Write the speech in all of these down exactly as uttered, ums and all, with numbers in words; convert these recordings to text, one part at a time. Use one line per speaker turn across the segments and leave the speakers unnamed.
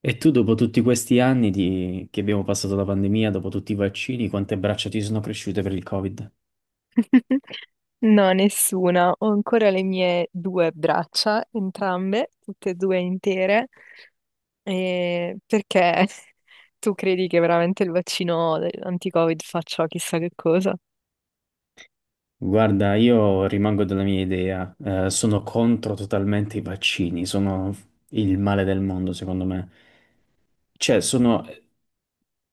E tu dopo tutti questi anni di- che abbiamo passato la pandemia, dopo tutti i vaccini, quante braccia ti sono cresciute per il Covid?
No, nessuna. Ho ancora le mie due braccia, entrambe, tutte e due intere. E perché tu credi che veramente il vaccino anti-Covid faccia chissà che cosa?
Guarda, io rimango della mia idea, eh, sono contro totalmente i vaccini, sono il male del mondo secondo me. Cioè, sono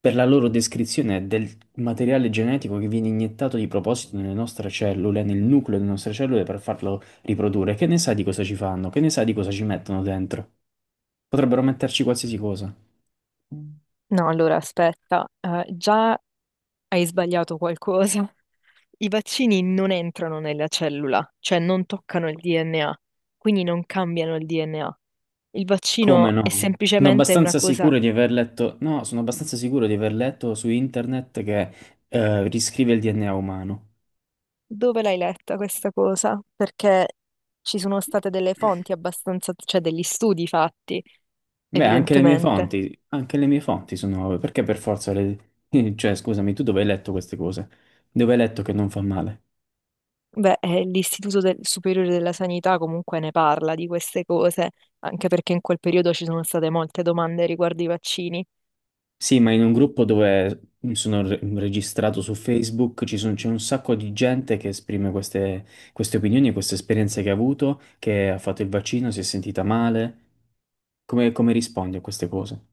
per la loro descrizione del materiale genetico che viene iniettato di proposito nelle nostre cellule, nel nucleo delle nostre cellule per farlo riprodurre. Che ne sa di cosa ci fanno? Che ne sa di cosa ci mettono dentro? Potrebbero metterci qualsiasi cosa.
No, allora aspetta, eh, già hai sbagliato qualcosa. I vaccini non entrano nella cellula, cioè non toccano il D N A, quindi non cambiano il D N A. Il
Come
vaccino è
no? Sono
semplicemente una
abbastanza
cosa.
sicuro di aver letto, no, sono abbastanza sicuro di aver letto su internet che eh, riscrive il D N A umano.
Dove l'hai letta questa cosa? Perché ci sono state delle fonti abbastanza, cioè degli studi fatti,
Beh, anche le mie
evidentemente.
fonti, anche le mie fonti sono nuove, perché per forza le... Cioè, scusami, tu dove hai letto queste cose? Dove hai letto che non fa male?
Beh, eh, l'Istituto del- Superiore della Sanità comunque ne parla di queste cose, anche perché in quel periodo ci sono state molte domande riguardo i vaccini.
Sì, ma in un gruppo dove sono re- registrato su Facebook ci sono- c'è un sacco di gente che esprime queste, queste opinioni, queste esperienze che ha avuto, che ha fatto il vaccino, si è sentita male. Come, come rispondi a queste cose?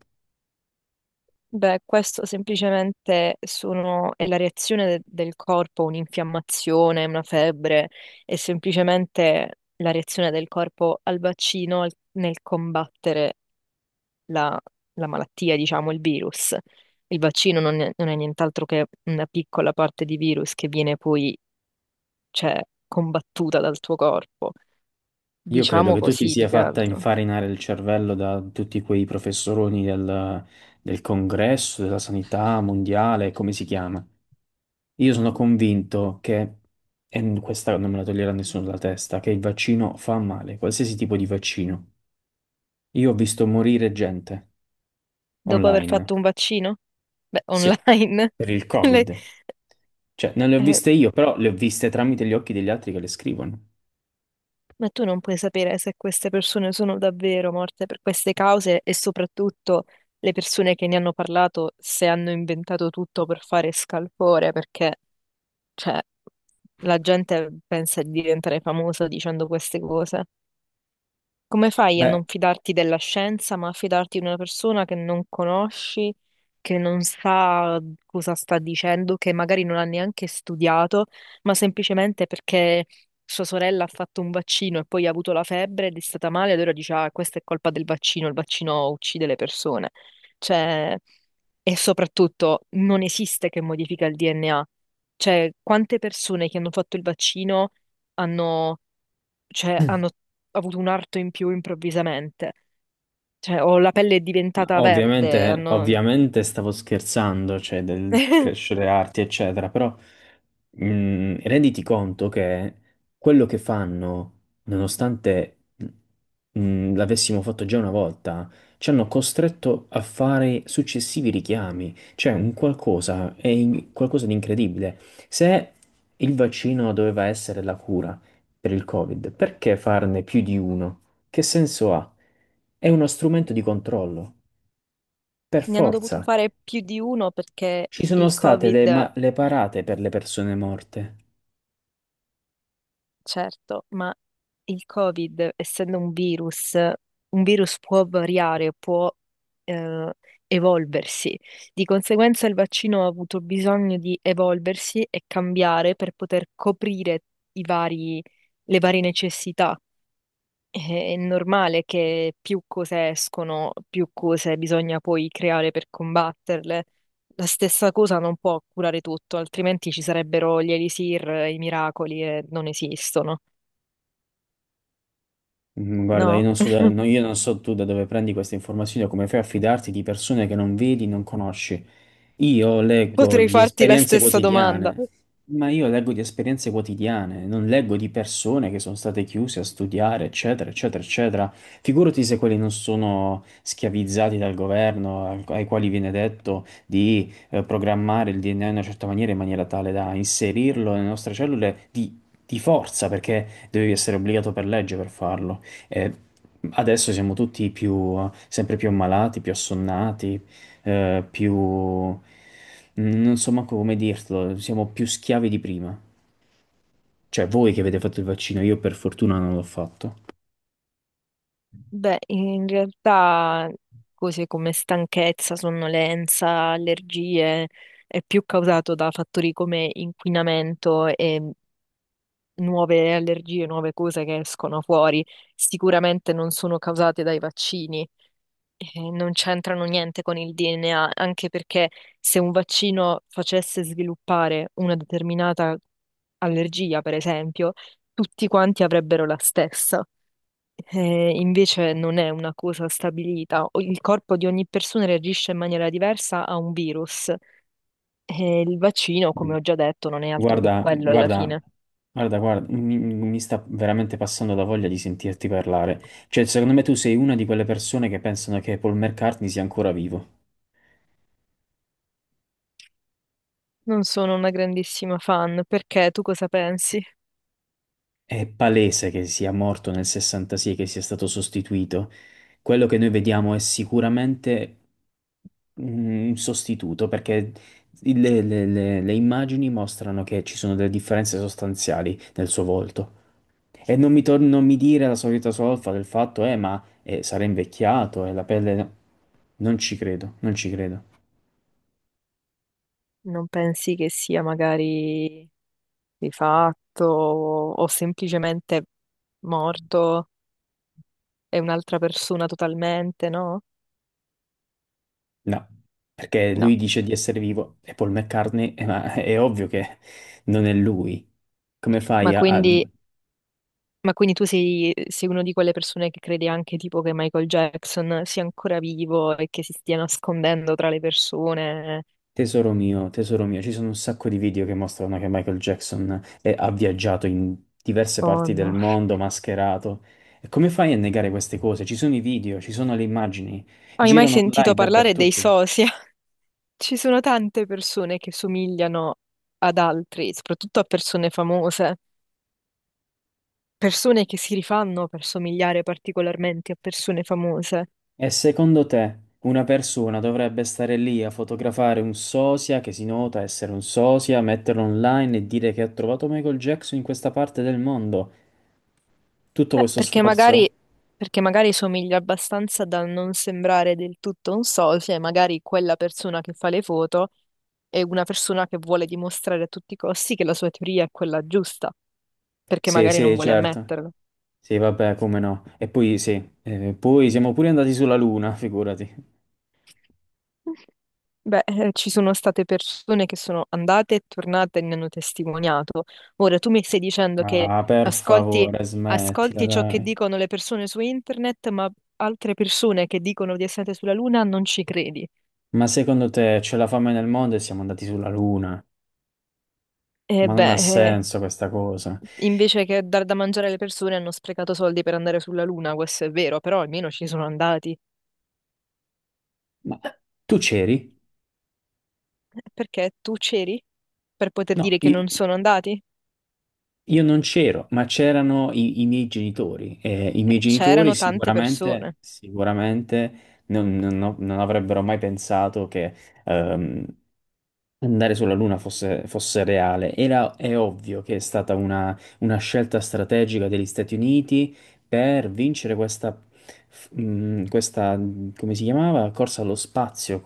Beh, questo semplicemente sono, è la reazione de- del corpo a un'infiammazione, una febbre, è semplicemente la reazione del corpo al vaccino al- nel combattere la, la malattia, diciamo, il virus. Il vaccino non è, non è nient'altro che una piccola parte di virus che viene poi, cioè, combattuta dal tuo corpo.
Io credo
Diciamo
che tu ti
così,
sia
più che
fatta
altro.
infarinare il cervello da tutti quei professoroni del, del congresso, della sanità mondiale, come si chiama. Io sono convinto che, e questa non me la toglierà nessuno dalla testa, che il vaccino fa male, qualsiasi tipo di vaccino. Io ho visto morire gente
Dopo aver
online,
fatto un vaccino? Beh,
sì,
online.
per il
le-
Covid. Cioè, non le ho
eh,
viste io, però le ho viste tramite gli occhi degli altri che le scrivono.
ma tu non puoi sapere se queste persone sono davvero morte per queste cause e soprattutto le persone che ne hanno parlato se hanno inventato tutto per fare scalpore, perché cioè, la gente pensa di diventare famosa dicendo queste cose. Come fai a
Beh,
non fidarti della scienza, ma a fidarti di una persona che non conosci, che non sa cosa sta dicendo, che magari non ha neanche studiato, ma semplicemente perché sua sorella ha fatto un vaccino e poi ha avuto la febbre ed è stata male, allora dice, ah, questa è colpa del vaccino, il vaccino uccide le persone. Cioè, e soprattutto non esiste che modifica il D N A. Cioè, quante persone che hanno fatto il vaccino hanno, cioè, hanno avuto un arto in più improvvisamente. Cioè, o la pelle è diventata verde,
ovviamente,
hanno...
ovviamente stavo scherzando, cioè del crescere arti, eccetera, però mh, renditi conto che quello che fanno, nonostante mh, l'avessimo fatto già una volta, ci hanno costretto a fare successivi richiami, cioè un qualcosa, è in- qualcosa di incredibile. Se il vaccino doveva essere la cura per il Covid, perché farne più di uno? Che senso ha? È uno strumento di controllo. Per
Ne hanno dovuto
forza,
fare più di uno perché
ci sono
il
state le,
Covid,
ma- le parate per le persone morte.
certo, ma il Covid, essendo un virus, un virus può variare, può eh, evolversi. Di conseguenza il vaccino ha avuto bisogno di evolversi e cambiare per poter coprire i vari, le varie necessità. È normale che più cose escono, più cose bisogna poi creare per combatterle. La stessa cosa non può curare tutto, altrimenti ci sarebbero gli elisir, i miracoli e non esistono.
Mm, Guarda, io
No?
non so, da- no, io non so tu da dove prendi queste informazioni o come fai a fidarti di persone che non vedi, non conosci. Io leggo
Potrei
di
farti la
esperienze
stessa domanda.
quotidiane, ma io leggo di esperienze quotidiane, non leggo di persone che sono state chiuse a studiare, eccetera, eccetera, eccetera. Figurati se quelli non sono schiavizzati dal governo, al- ai quali viene detto di eh, programmare il D N A in una certa maniera, in maniera tale da inserirlo nelle nostre cellule di, di forza, perché devi essere obbligato per legge per farlo. E adesso siamo tutti più, sempre più ammalati, più assonnati eh, più... mm, non so manco come dirtelo, siamo più schiavi di prima. Cioè, voi che avete fatto il vaccino, io per fortuna non l'ho fatto.
Beh, in realtà cose come stanchezza, sonnolenza, allergie è più causato da fattori come inquinamento e nuove allergie, nuove cose che escono fuori, sicuramente non sono causate dai vaccini e non c'entrano niente con il D N A, anche perché se un vaccino facesse sviluppare una determinata allergia, per esempio, tutti quanti avrebbero la stessa. Eh, invece non è una cosa stabilita. O- Il corpo di ogni persona reagisce in maniera diversa a un virus e il vaccino,
Mm.
come ho già detto, non è altro che
Guarda,
quello alla
guarda,
fine.
guarda, guarda, mi, mi sta veramente passando la voglia di sentirti parlare. Cioè, secondo me tu sei una di quelle persone che pensano che Paul McCartney sia ancora vivo.
Non sono una grandissima fan, perché tu cosa pensi?
È palese che sia morto nel sessantasei e che sia stato sostituito. Quello che noi vediamo è sicuramente un sostituto perché il- le, le- le- le immagini mostrano che ci sono delle differenze sostanziali nel suo volto. E non mi, tor- non mi dire la solita solfa del fatto, eh, ma eh, sarà invecchiato e la pelle... no". Non ci credo, non ci credo.
Non pensi che sia magari rifatto o o semplicemente morto e un'altra persona totalmente, no?
No, perché lui
No.
dice di essere vivo e Paul McCartney, eh, ma è ovvio che non è lui. Come
Ma
fai a, a-
quindi, ma quindi tu sei, sei una di quelle persone che crede anche tipo che Michael Jackson sia ancora vivo e che si stia nascondendo tra le persone?
Tesoro mio, tesoro mio, ci sono un sacco di video che mostrano che Michael Jackson è- ha viaggiato in diverse
Oh
parti del
no.
mondo mascherato. E come fai a negare queste cose? Ci sono i video, ci sono le immagini,
Hai mai
girano
sentito
online
parlare dei
dappertutto.
SOSI? Ci sono tante persone che somigliano ad altri, soprattutto a persone famose, persone che si rifanno per somigliare particolarmente a persone famose.
E secondo te una persona dovrebbe stare lì a fotografare un sosia che si nota essere un sosia, metterlo online e dire che ha trovato Michael Jackson in questa parte del mondo? Tutto
Beh,
questo
perché
sforzo?
magari, perché magari somiglia abbastanza da non sembrare del tutto un socio, e magari quella persona che fa le foto è una persona che vuole dimostrare a tutti i costi che la sua teoria è quella giusta, perché
Sì,
magari non
sì,
vuole
certo.
ammetterlo.
Sì, vabbè, come no. E poi sì, eh, poi siamo pure andati sulla Luna, figurati.
Beh, eh, ci sono state persone che sono andate e tornate e ne hanno testimoniato. Ora, tu mi stai dicendo che
Ah, per
ascolti,
favore, smettila,
ascolti ciò che
dai.
dicono le persone su internet, ma altre persone che dicono di essere sulla Luna non ci credi.
Ma secondo te c'è la fame nel mondo e siamo andati sulla Luna?
E
Ma non ha
beh, eh,
senso questa cosa.
invece che dar da mangiare alle persone hanno sprecato soldi per andare sulla Luna, questo è vero, però almeno ci sono andati.
Ma tu c'eri?
Eh, Perché tu c'eri per poter
No,
dire che non
i-
sono andati?
io non c'ero, ma c'erano i, i miei genitori. E i
Eh,
miei genitori
c'erano tante
sicuramente,
persone.
sicuramente non, non- non avrebbero mai pensato che ehm, andare sulla Luna fosse, fosse reale. Era, è ovvio che è stata una, una scelta strategica degli Stati Uniti per vincere questa, f- mh, questa, come si chiamava? Corsa allo spazio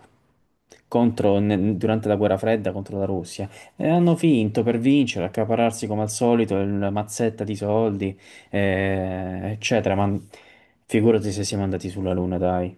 contro, ne- durante la guerra fredda contro la Russia. E hanno finto per vincere, accaparrarsi come al solito la mazzetta di soldi, eh, eccetera. Ma figurati se siamo andati sulla Luna, dai.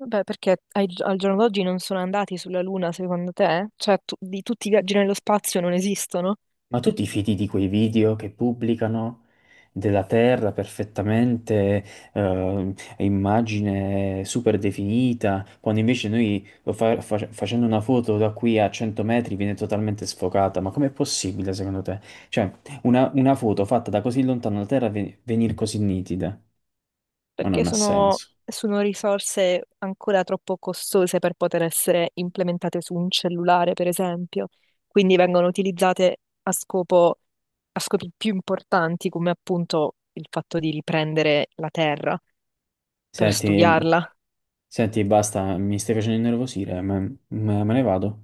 Beh, perché ai- al giorno d'oggi non sono andati sulla Luna, secondo te? Cioè, tu- di tutti i viaggi nello spazio non esistono?
Ma tu ti fidi di quei video che pubblicano della Terra perfettamente, eh, immagine super definita, quando invece noi lo fa- fa- facendo una foto da qui a cento metri viene totalmente sfocata? Ma com'è possibile secondo te? Cioè, una, una foto fatta da così lontano la Terra venire così nitida? Ma
Perché
non ha
sono,
senso.
sono risorse ancora troppo costose per poter essere implementate su un cellulare, per esempio. Quindi vengono utilizzate a scopo, a scopi più importanti, come appunto il fatto di riprendere la Terra per
Senti,
studiarla.
senti, basta, mi stai facendo innervosire, ma- ma- me ne vado.